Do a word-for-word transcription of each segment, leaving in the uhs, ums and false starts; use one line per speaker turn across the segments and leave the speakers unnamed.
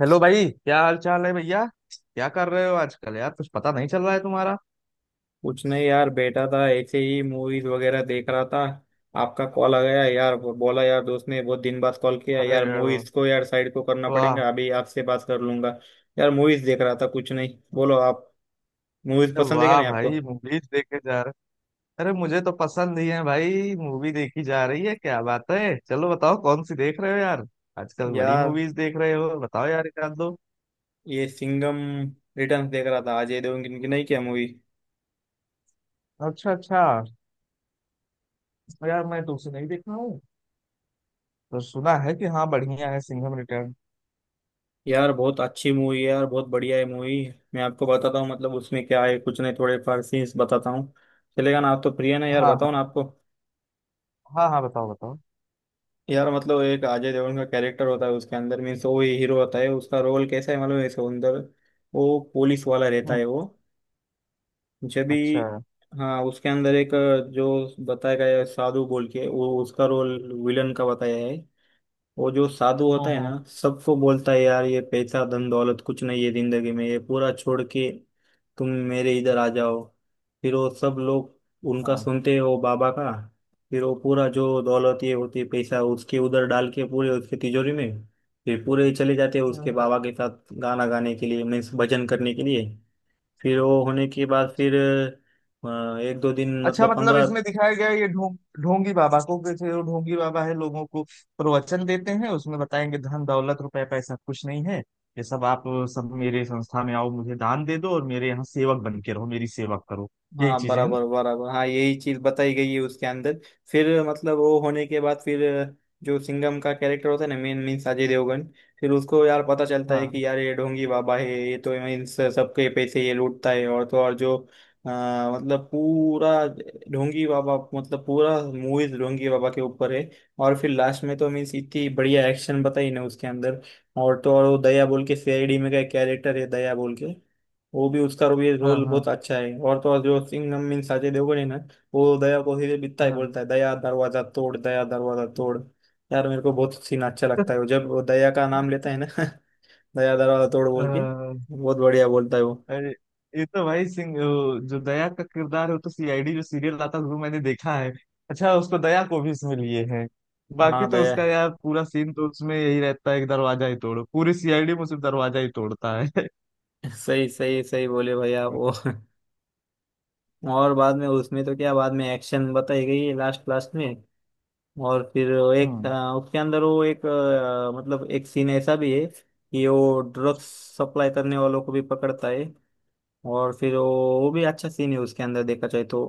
Hello भाई, क्या हाल चाल है भैया। क्या कर रहे हो आजकल यार, कुछ पता नहीं चल रहा है तुम्हारा।
कुछ नहीं यार बैठा था ऐसे ही मूवीज वगैरह देख रहा था। आपका कॉल आ गया यार, वो बोला यार दोस्त ने बहुत दिन बाद कॉल किया यार
अरे
मूवीज को यार साइड को करना
वाह।
पड़ेगा, अभी आपसे बात कर लूंगा। यार मूवीज देख रहा था, कुछ नहीं, बोलो आप। मूवीज
अरे
पसंद है क्या
वाह
नहीं आपको?
भाई, मूवीज देखे जा रहे। अरे मुझे तो पसंद ही है भाई, मूवी देखी जा रही है, क्या बात है। चलो बताओ कौन सी देख रहे हो यार। आजकल बड़ी
यार
मूवीज देख रहे हो, बताओ यार एक आध दो।
ये सिंघम रिटर्न्स देख रहा था अजय देवगन की, नहीं क्या मूवी।
अच्छा अच्छा। यार मैं तुमसे नहीं देखा हूँ, तो सुना है कि हाँ बढ़िया है सिंघम रिटर्न।
यार बहुत अच्छी मूवी है यार, बहुत बढ़िया है मूवी। मैं आपको बताता हूँ मतलब उसमें क्या है, कुछ नहीं थोड़े फार सीन्स बताता हूँ। चलेगा ना आप तो प्रिय ना, यार
हाँ
बताओ
हाँ।
ना आपको।
हाँ हाँ, बताओ बताओ।
यार मतलब एक अजय देवगन का कैरेक्टर होता है उसके अंदर, मीन्स वो ही हीरो होता है, उसका रोल कैसा है मालूम है इसके अंदर। वो पुलिस वाला रहता
हम्म।
है वो, जब भी,
अच्छा।
हाँ, उसके अंदर एक जो बताया गया है साधु बोल के, वो उसका रोल विलन का बताया है। वो जो साधु होता
हम्म
है ना,
हम्म।
सबको बोलता है यार ये पैसा धन दौलत कुछ नहीं है जिंदगी में, ये पूरा छोड़ के तुम मेरे इधर आ जाओ। फिर वो सब लोग उनका
हाँ
सुनते हैं, वो बाबा का। फिर वो पूरा जो दौलत ये होती है पैसा, उसके उधर डाल के पूरे उसके तिजोरी में। फिर पूरे चले जाते हैं उसके बाबा के साथ गाना गाने के लिए, मीन्स भजन करने के लिए। फिर वो होने के
हाँ,
बाद फिर अ, एक दो दिन
अच्छा
मतलब
मतलब
पंद्रह।
इसमें दिखाया गया है ये ढोंग। ढोंगी बाबा को कि थे वो ढोंगी बाबा है, लोगों को प्रवचन देते हैं, उसमें बताएंगे धन दौलत रुपए पैसा कुछ नहीं है। ये सब आप, सब मेरे संस्था में आओ, मुझे दान दे दो और मेरे यहाँ सेवक बन के रहो, मेरी सेवा करो। यही
हाँ
चीजें हैं ना?
बराबर बराबर, हाँ यही चीज बताई गई है उसके अंदर। फिर मतलब वो होने के बाद फिर, जो सिंघम का कैरेक्टर होता है ना मेन, मीन्स अजय देवगन। फिर उसको यार पता चलता है
हाँ
कि यार ये ढोंगी बाबा है, ये तो मीन्स सबके पैसे ये लूटता है, और तो और जो आ, मतलब पूरा ढोंगी बाबा, मतलब पूरा मूवीज ढोंगी बाबा के ऊपर है। और फिर लास्ट में तो मीन्स इतनी बढ़िया एक्शन बताई ना उसके अंदर। और तो और वो दया बोल के सीआईडी में का कैरेक्टर है दया बोल के, वो भी उसका रो- ये रोल
हाँ।
बहुत अच्छा है, और तो और जो सिंघम मीन साजय देवगन है ना, वो दया को फिर बिता ही बिकता है,
हाँ
बोलता है दया दरवाजा तोड़, दया दरवाजा तोड़। यार मेरे को बहुत सीन अच्छा लगता है वो, जब वो दया का नाम लेता है ना दया दरवाजा तोड़ बोल के,
हाँ।
बहुत बढ़िया बोलता है वो।
अरे, ये तो भाई सिंह वो जो दया का किरदार है वो तो सीआईडी जो सीरियल आता है वो मैंने देखा है। अच्छा, उसको दया को भी इसमें लिए हैं।
हाँ
बाकी तो
दया
उसका यार पूरा सीन तो उसमें यही रहता है कि दरवाजा ही तोड़ो, पूरी सीआईडी में सिर्फ दरवाजा ही तोड़ता है।
सही सही सही बोले भैया आप वो और बाद में उसमें तो क्या, बाद में एक्शन बताई गई है लास्ट लास्ट में। और फिर वो एक अ,
हम्म।
उसके अंदर वो एक अ, मतलब एक सीन ऐसा भी है कि वो ड्रग्स सप्लाई करने वालों को भी पकड़ता है। और फिर वो वो भी अच्छा सीन है उसके अंदर देखा जाए तो।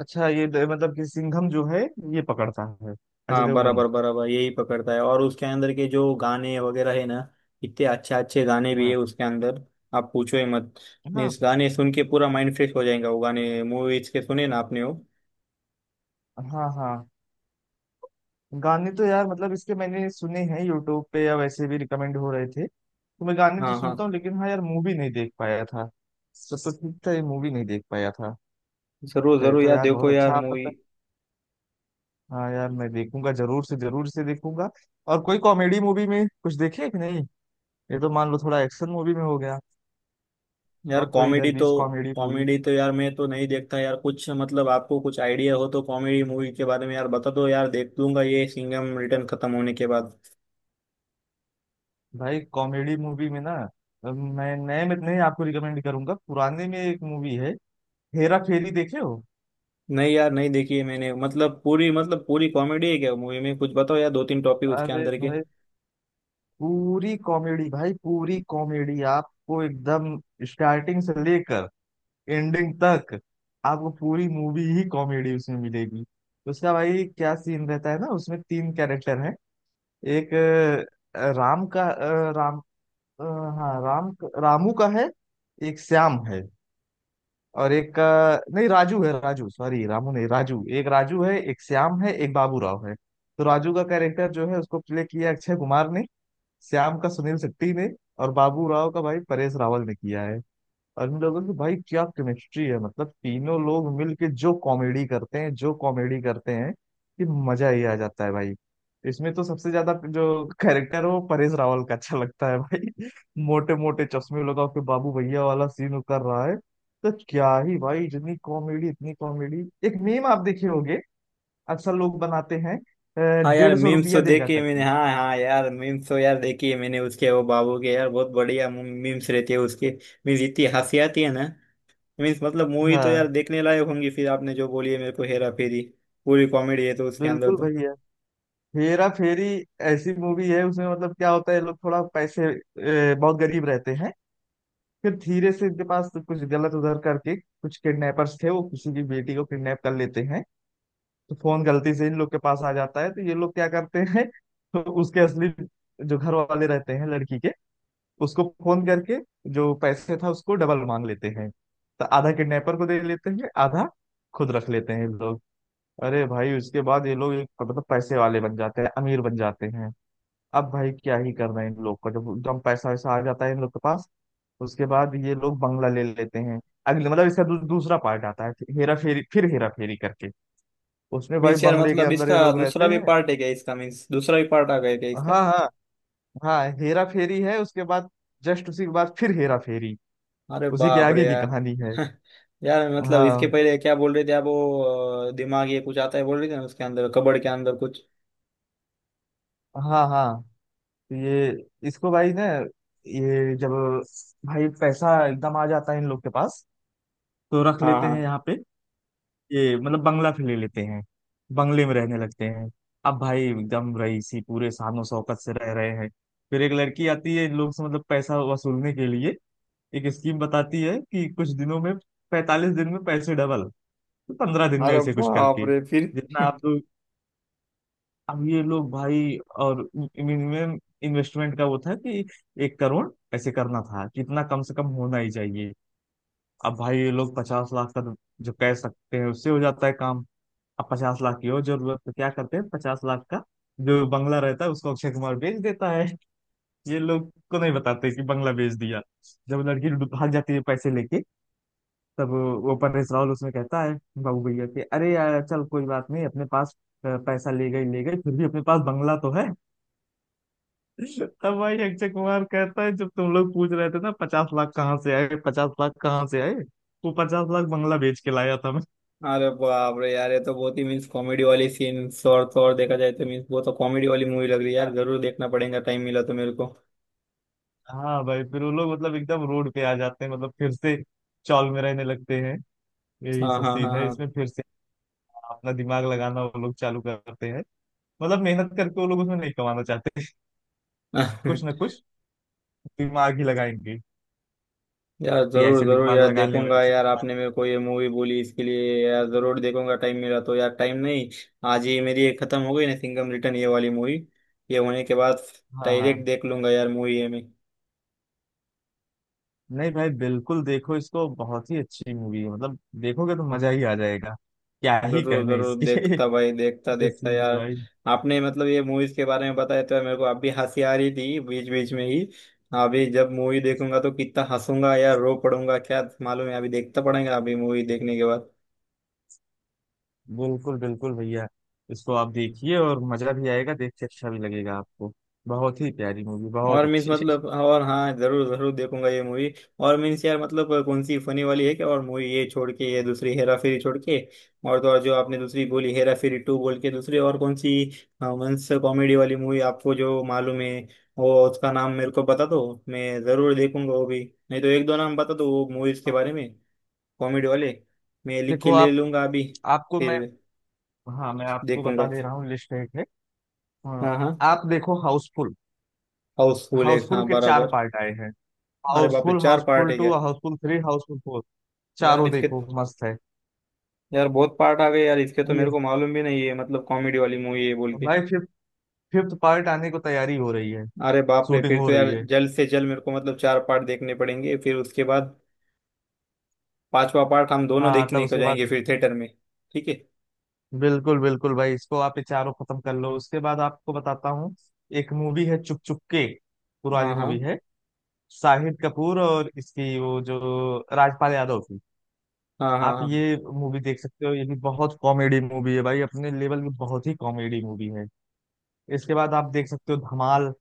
अच्छा ये द- मतलब कि सिंघम जो है, ये पकड़ता है, अजय
हाँ बराबर
देवगन।
बराबर, यही पकड़ता है। और उसके अंदर के जो गाने वगैरह है ना, इतने अच्छे अच्छे गाने भी
हाँ
है उसके अंदर, आप पूछो ही मत। नहीं
हाँ।
इस गाने सुन के पूरा माइंड फ्रेश हो जाएगा, वो गाने मूवीज के सुने ना आपने वो।
हाँ हाँ। गाने तो यार मतलब इसके मैंने सुने हैं यूट्यूब पे, या वैसे भी रिकमेंड हो रहे थे तो मैं गाने तो
हाँ हाँ
सुनता हूँ, लेकिन हाँ यार मूवी नहीं देख पाया था। सब तो ठीक था, ये मूवी नहीं देख पाया था।
जरूर
तो,
जरूर,
तो
यार
यार बहुत
देखो
अच्छा
यार
आप
मूवी।
पता। हाँ यार मैं देखूंगा, जरूर से जरूर से देखूंगा। और कोई कॉमेडी मूवी में कुछ देखे कि नहीं? ये तो मान लो थोड़ा एक्शन मूवी में हो गया।
यार
और कोई
कॉमेडी तो,
दरवीश कॉमेडी मूवी।
कॉमेडी तो यार मैं तो नहीं देखता यार कुछ, मतलब आपको कुछ आइडिया हो तो कॉमेडी मूवी के बारे में यार बता दो, यार देख लूंगा ये सिंघम रिटर्न खत्म होने के बाद।
भाई कॉमेडी मूवी में ना, अ, मैं नए में नहीं आपको रिकमेंड करूंगा, पुराने में एक मूवी है, हेरा फेरी देखे हो?
नहीं यार, नहीं देखी है मैंने, मतलब पूरी मतलब पूरी कॉमेडी है क्या मूवी में? कुछ बताओ यार दो तीन टॉपिक उसके
अरे
अंदर के।
भाई, पूरी कॉमेडी भाई, पूरी कॉमेडी आपको, एकदम स्टार्टिंग से लेकर एंडिंग तक आपको पूरी मूवी ही कॉमेडी उसमें मिलेगी। उसका भाई क्या सीन रहता है ना, उसमें तीन कैरेक्टर हैं। एक अ, राम का अ, राम अ, हाँ राम, रामू का है, एक श्याम है और एक का, नहीं राजू है, राजू सॉरी, रामू नहीं राजू, एक राजू है, एक श्याम है, एक बाबू राव है। तो राजू का कैरेक्टर जो है उसको प्ले किया अक्षय कुमार ने, श्याम का सुनील शेट्टी ने, और बाबू राव का भाई परेश रावल ने किया है। और इन लोगों की भाई क्या केमिस्ट्री है, मतलब तीनों लोग मिलके जो कॉमेडी करते हैं जो कॉमेडी करते हैं कि मजा ही आ जाता है भाई। इसमें तो सबसे ज्यादा जो कैरेक्टर है वो परेश रावल का अच्छा लगता है भाई। मोटे मोटे चश्मे लगा के बाबू भैया वाला सीन वो कर रहा है, तो क्या ही भाई, इतनी कॉमेडी इतनी कॉमेडी। एक मीम आप देखे होंगे, अक्सर लोग बनाते हैं, अ,
हाँ यार
डेढ़ सौ
मीम्स तो
रुपया देगा
देखे मैंने,
करके।
हाँ हाँ यार मीम्स तो यार देखी है मैंने उसके, वो बाबू के यार बहुत बढ़िया मीम्स रहते हैं उसके। मीन्स इतनी हंसी आती है ना। मीन्स मतलब मूवी तो यार
हाँ।
देखने लायक होंगी फिर, आपने जो बोली है मेरे को हेरा फेरी, पूरी कॉमेडी है तो उसके अंदर
बिल्कुल
तो।
भैया, हेरा फेरी ऐसी मूवी है। उसमें मतलब क्या होता है, ये लोग थोड़ा पैसे, ए, बहुत गरीब रहते हैं। फिर धीरे से इनके पास कुछ गलत उधर करके, कुछ किडनैपर्स थे, वो किसी की बेटी को किडनैप कर लेते हैं। तो फोन गलती से इन लोग के पास आ जाता है, तो ये लोग क्या करते हैं, तो उसके असली जो घर वाले रहते हैं लड़की के, उसको फोन करके जो पैसे था उसको डबल मांग लेते हैं। तो आधा किडनैपर को दे लेते हैं, आधा खुद रख लेते हैं ये लोग। अरे भाई, उसके बाद ये लोग एक मतलब पैसे वाले बन जाते हैं, अमीर बन जाते हैं। अब भाई क्या ही करना है इन लोग को, जब एकदम पैसा वैसा आ जाता है इन लोग के पास, उसके बाद ये लोग बंगला ले लेते हैं। अगले मतलब इसका दू, दूसरा पार्ट आता है, फिर हेरा फेरी, फिर हेरा फेरी करके, उसमें भाई
मीन्स यार
बंगले के
मतलब
अंदर ये
इसका
लोग रहते
दूसरा भी
हैं।
पार्ट है क्या इसका, मीन्स दूसरा भी पार्ट आ गया क्या इसका?
हाँ हाँ। हाँ हेरा फेरी है, उसके बाद जस्ट उसी के बाद फिर हेरा फेरी,
अरे
उसी के
बाप रे
आगे की
यार
कहानी है।
यार मतलब इसके
हाँ
पहले क्या बोल रहे थे आप वो अ, दिमाग ये कुछ आता है बोल रहे थे ना उसके अंदर, कबड़ के अंदर कुछ।
हाँ हाँ। तो ये, इसको भाई ना, ये जब भाई पैसा एकदम आ जाता है इन लोग के पास, तो रख
हाँ
लेते हैं
हाँ।
यहाँ पे। ये मतलब बंगला फिर ले लेते हैं, बंगले में रहने लगते हैं। अब भाई एकदम रईसी पूरे शान शौकत से रह रहे हैं। फिर एक लड़की आती है इन लोग से मतलब पैसा वसूलने के लिए। एक स्कीम बताती है कि कुछ दिनों में, पैंतालीस दिन में पैसे डबल, तो पंद्रह दिन में
अरे
ऐसे कुछ
बाप
करके,
रे फिर।
जितना आप लोग। अब ये लोग भाई, और मिनिमम इन्वेस्टमेंट का वो था कि एक करोड़ ऐसे करना था, कितना कम से कम होना ही चाहिए। अब भाई ये लोग पचास लाख का तो जो कह सकते हैं उससे हो जाता है काम। अब पचास लाख की हो जरूरत, तो क्या करते हैं, पचास लाख का जो बंगला रहता है उसको अक्षय कुमार बेच देता है। ये लोग को नहीं बताते कि बंगला बेच दिया। जब लड़की भाग जाती है पैसे लेके, तब वो परेश रावल उसमें कहता है बाबू भैया कि अरे यार चल कोई बात नहीं, अपने पास अ, पैसा ले गई ले गई, फिर भी अपने पास बंगला तो है। तब भाई अक्षय कुमार कहता है, जब तुम लोग पूछ रहे थे ना पचास लाख कहाँ से आए, पचास लाख कहाँ से आए, वो पचास लाख बंगला बेच के लाया था।
अरे बाप रे यार, ये तो बहुत ही मीन्स कॉमेडी वाली सीन, और तो और देखा जाए तो मीन्स बहुत तो कॉमेडी वाली मूवी लग रही है यार,
मैं,
जरूर देखना पड़ेगा टाइम मिला तो मेरे को।
हाँ भाई, फिर वो लोग मतलब एकदम रोड पे आ जाते हैं, मतलब फिर से चौल में रहने लगते हैं। यही
हाँ
सब
हाँ
सीन है
हाँ
इसमें। फिर से अपना दिमाग लगाना वो लोग चालू करते हैं, मतलब मेहनत करके वो लोग उसमें नहीं कमाना चाहते,
हाँ
कुछ ना कुछ दिमाग ही लगाएंगे
यार
कि
जरूर
ऐसे
जरूर
दिमाग
यार
लगा लें
देखूंगा
वैसे
यार,
दिमाग।
आपने मेरे को ये मूवी बोली इसके लिए यार, जरूर देखूंगा टाइम मिला तो, यार टाइम नहीं, आज ही मेरी ये खत्म हो गई ना सिंघम रिटर्न ये वाली मूवी, ये होने के बाद
हाँ
डायरेक्ट
हाँ।
देख लूंगा यार मूवी ये मैं।
नहीं भाई बिल्कुल देखो इसको, बहुत ही अच्छी मूवी है, मतलब देखोगे तो मजा ही आ जाएगा, क्या ही
जरूर
कहने
जरूर
इसके।
देखता भाई, देखता
ये
देखता
सीन है
यार।
भाई।
आपने मतलब ये मूवीज के बारे में बताया तो यार मेरे को अब भी हंसी आ रही थी बीच बीच में ही। अभी जब मूवी देखूंगा तो कितना हंसूंगा यार, रो पड़ूंगा क्या मालूम है, अभी देखता पड़ेगा अभी मूवी देखने के बाद।
बिल्कुल बिल्कुल भैया, इसको आप देखिए और मजा भी आएगा, देख के अच्छा भी लगेगा आपको, बहुत ही प्यारी मूवी, बहुत
और मीन्स
अच्छी।
मतलब और हाँ, जरूर जरूर देखूंगा ये मूवी। और मीन्स यार मतलब कौन सी फनी वाली है क्या और मूवी, ये छोड़ के, ये दूसरी हेरा फेरी छोड़ के, और तो और जो आपने दूसरी बोली हेरा फेरी टू बोल के, दूसरी और कौन सी मीन्स कॉमेडी वाली मूवी आपको जो मालूम है, वो उसका नाम मेरे को बता दो, मैं जरूर देखूंगा वो भी। नहीं तो एक दो नाम बता दो वो मूवीज के
हाँ।
बारे में, कॉमेडी वाले, मैं लिख के
देखो
ले
आप,
लूंगा अभी,
आपको मैं,
फिर
हाँ मैं आपको बता
देखूंगा।
दे रहा हूँ, लिस्ट एक है। हाँ,
हाँ हाँ
आप देखो हाउसफुल।
हाउसफुल एक,
हाउसफुल
हाँ
के चार
बराबर।
पार्ट आए हैं,
अरे बाप रे
हाउसफुल,
चार पार्ट
हाउसफुल
है क्या?
Two, Housefull three, Housefull four.
यार
चारों
इसके,
देखो मस्त है
यार बहुत पार्ट आ गए यार इसके, तो
ये।
मेरे को मालूम भी नहीं है मतलब कॉमेडी वाली मूवी है बोल के।
भाई फिफ्थ, फिफ्थ पार्ट आने को तैयारी हो रही है,
अरे बाप रे,
शूटिंग
फिर
हो
तो
रही
यार
है।
जल्द से जल्द मेरे को मतलब चार पार्ट देखने पड़ेंगे, फिर उसके बाद पांचवा पार्ट हम दोनों
हाँ तब
देखने को
उसके
जाएंगे
बाद,
फिर थिएटर में। ठीक है।
बिल्कुल बिल्कुल भाई, इसको आप ये चारों खत्म कर लो, उसके बाद आपको बताता हूँ। एक मूवी है चुप चुप के,
हाँ
पुरानी
हाँ
मूवी है, शाहिद कपूर और इसकी वो जो राजपाल यादव थी।
हाँ हाँ
आप
हाँ,
ये मूवी देख सकते हो, ये भी बहुत कॉमेडी मूवी है भाई, अपने लेवल में बहुत ही कॉमेडी मूवी है। इसके बाद आप देख सकते हो धमाल,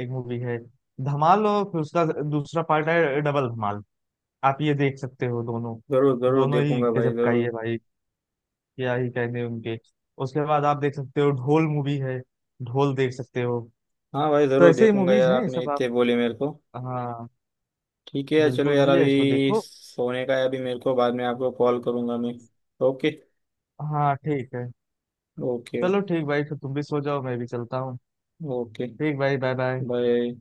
एक मूवी है धमाल, और फिर उसका दूसरा पार्ट है डबल धमाल। आप ये देख सकते हो दोनों,
जरूर जरूर
दोनों ही
देखूंगा भाई
गजब का ही
जरूर।
है भाई, क्या ही कहने उनके। उसके बाद आप देख सकते हो ढोल मूवी है, ढोल देख सकते हो।
हाँ भाई
तो
जरूर
ऐसे ही
देखूंगा
मूवीज
यार,
हैं ये
आपने
सब आप।
इतने बोले मेरे को।
हाँ
ठीक है यार, चलो
बिल्कुल
यार
भैया, इसको
अभी
देखो।
सोने का है, अभी मेरे को, बाद में आपको कॉल करूंगा मैं। ओके।
हाँ ठीक है,
ओके।
चलो ठीक भाई, फिर तुम भी सो जाओ, मैं भी चलता हूँ।
ओके।
ठीक भाई, बाय बाय।
बाय।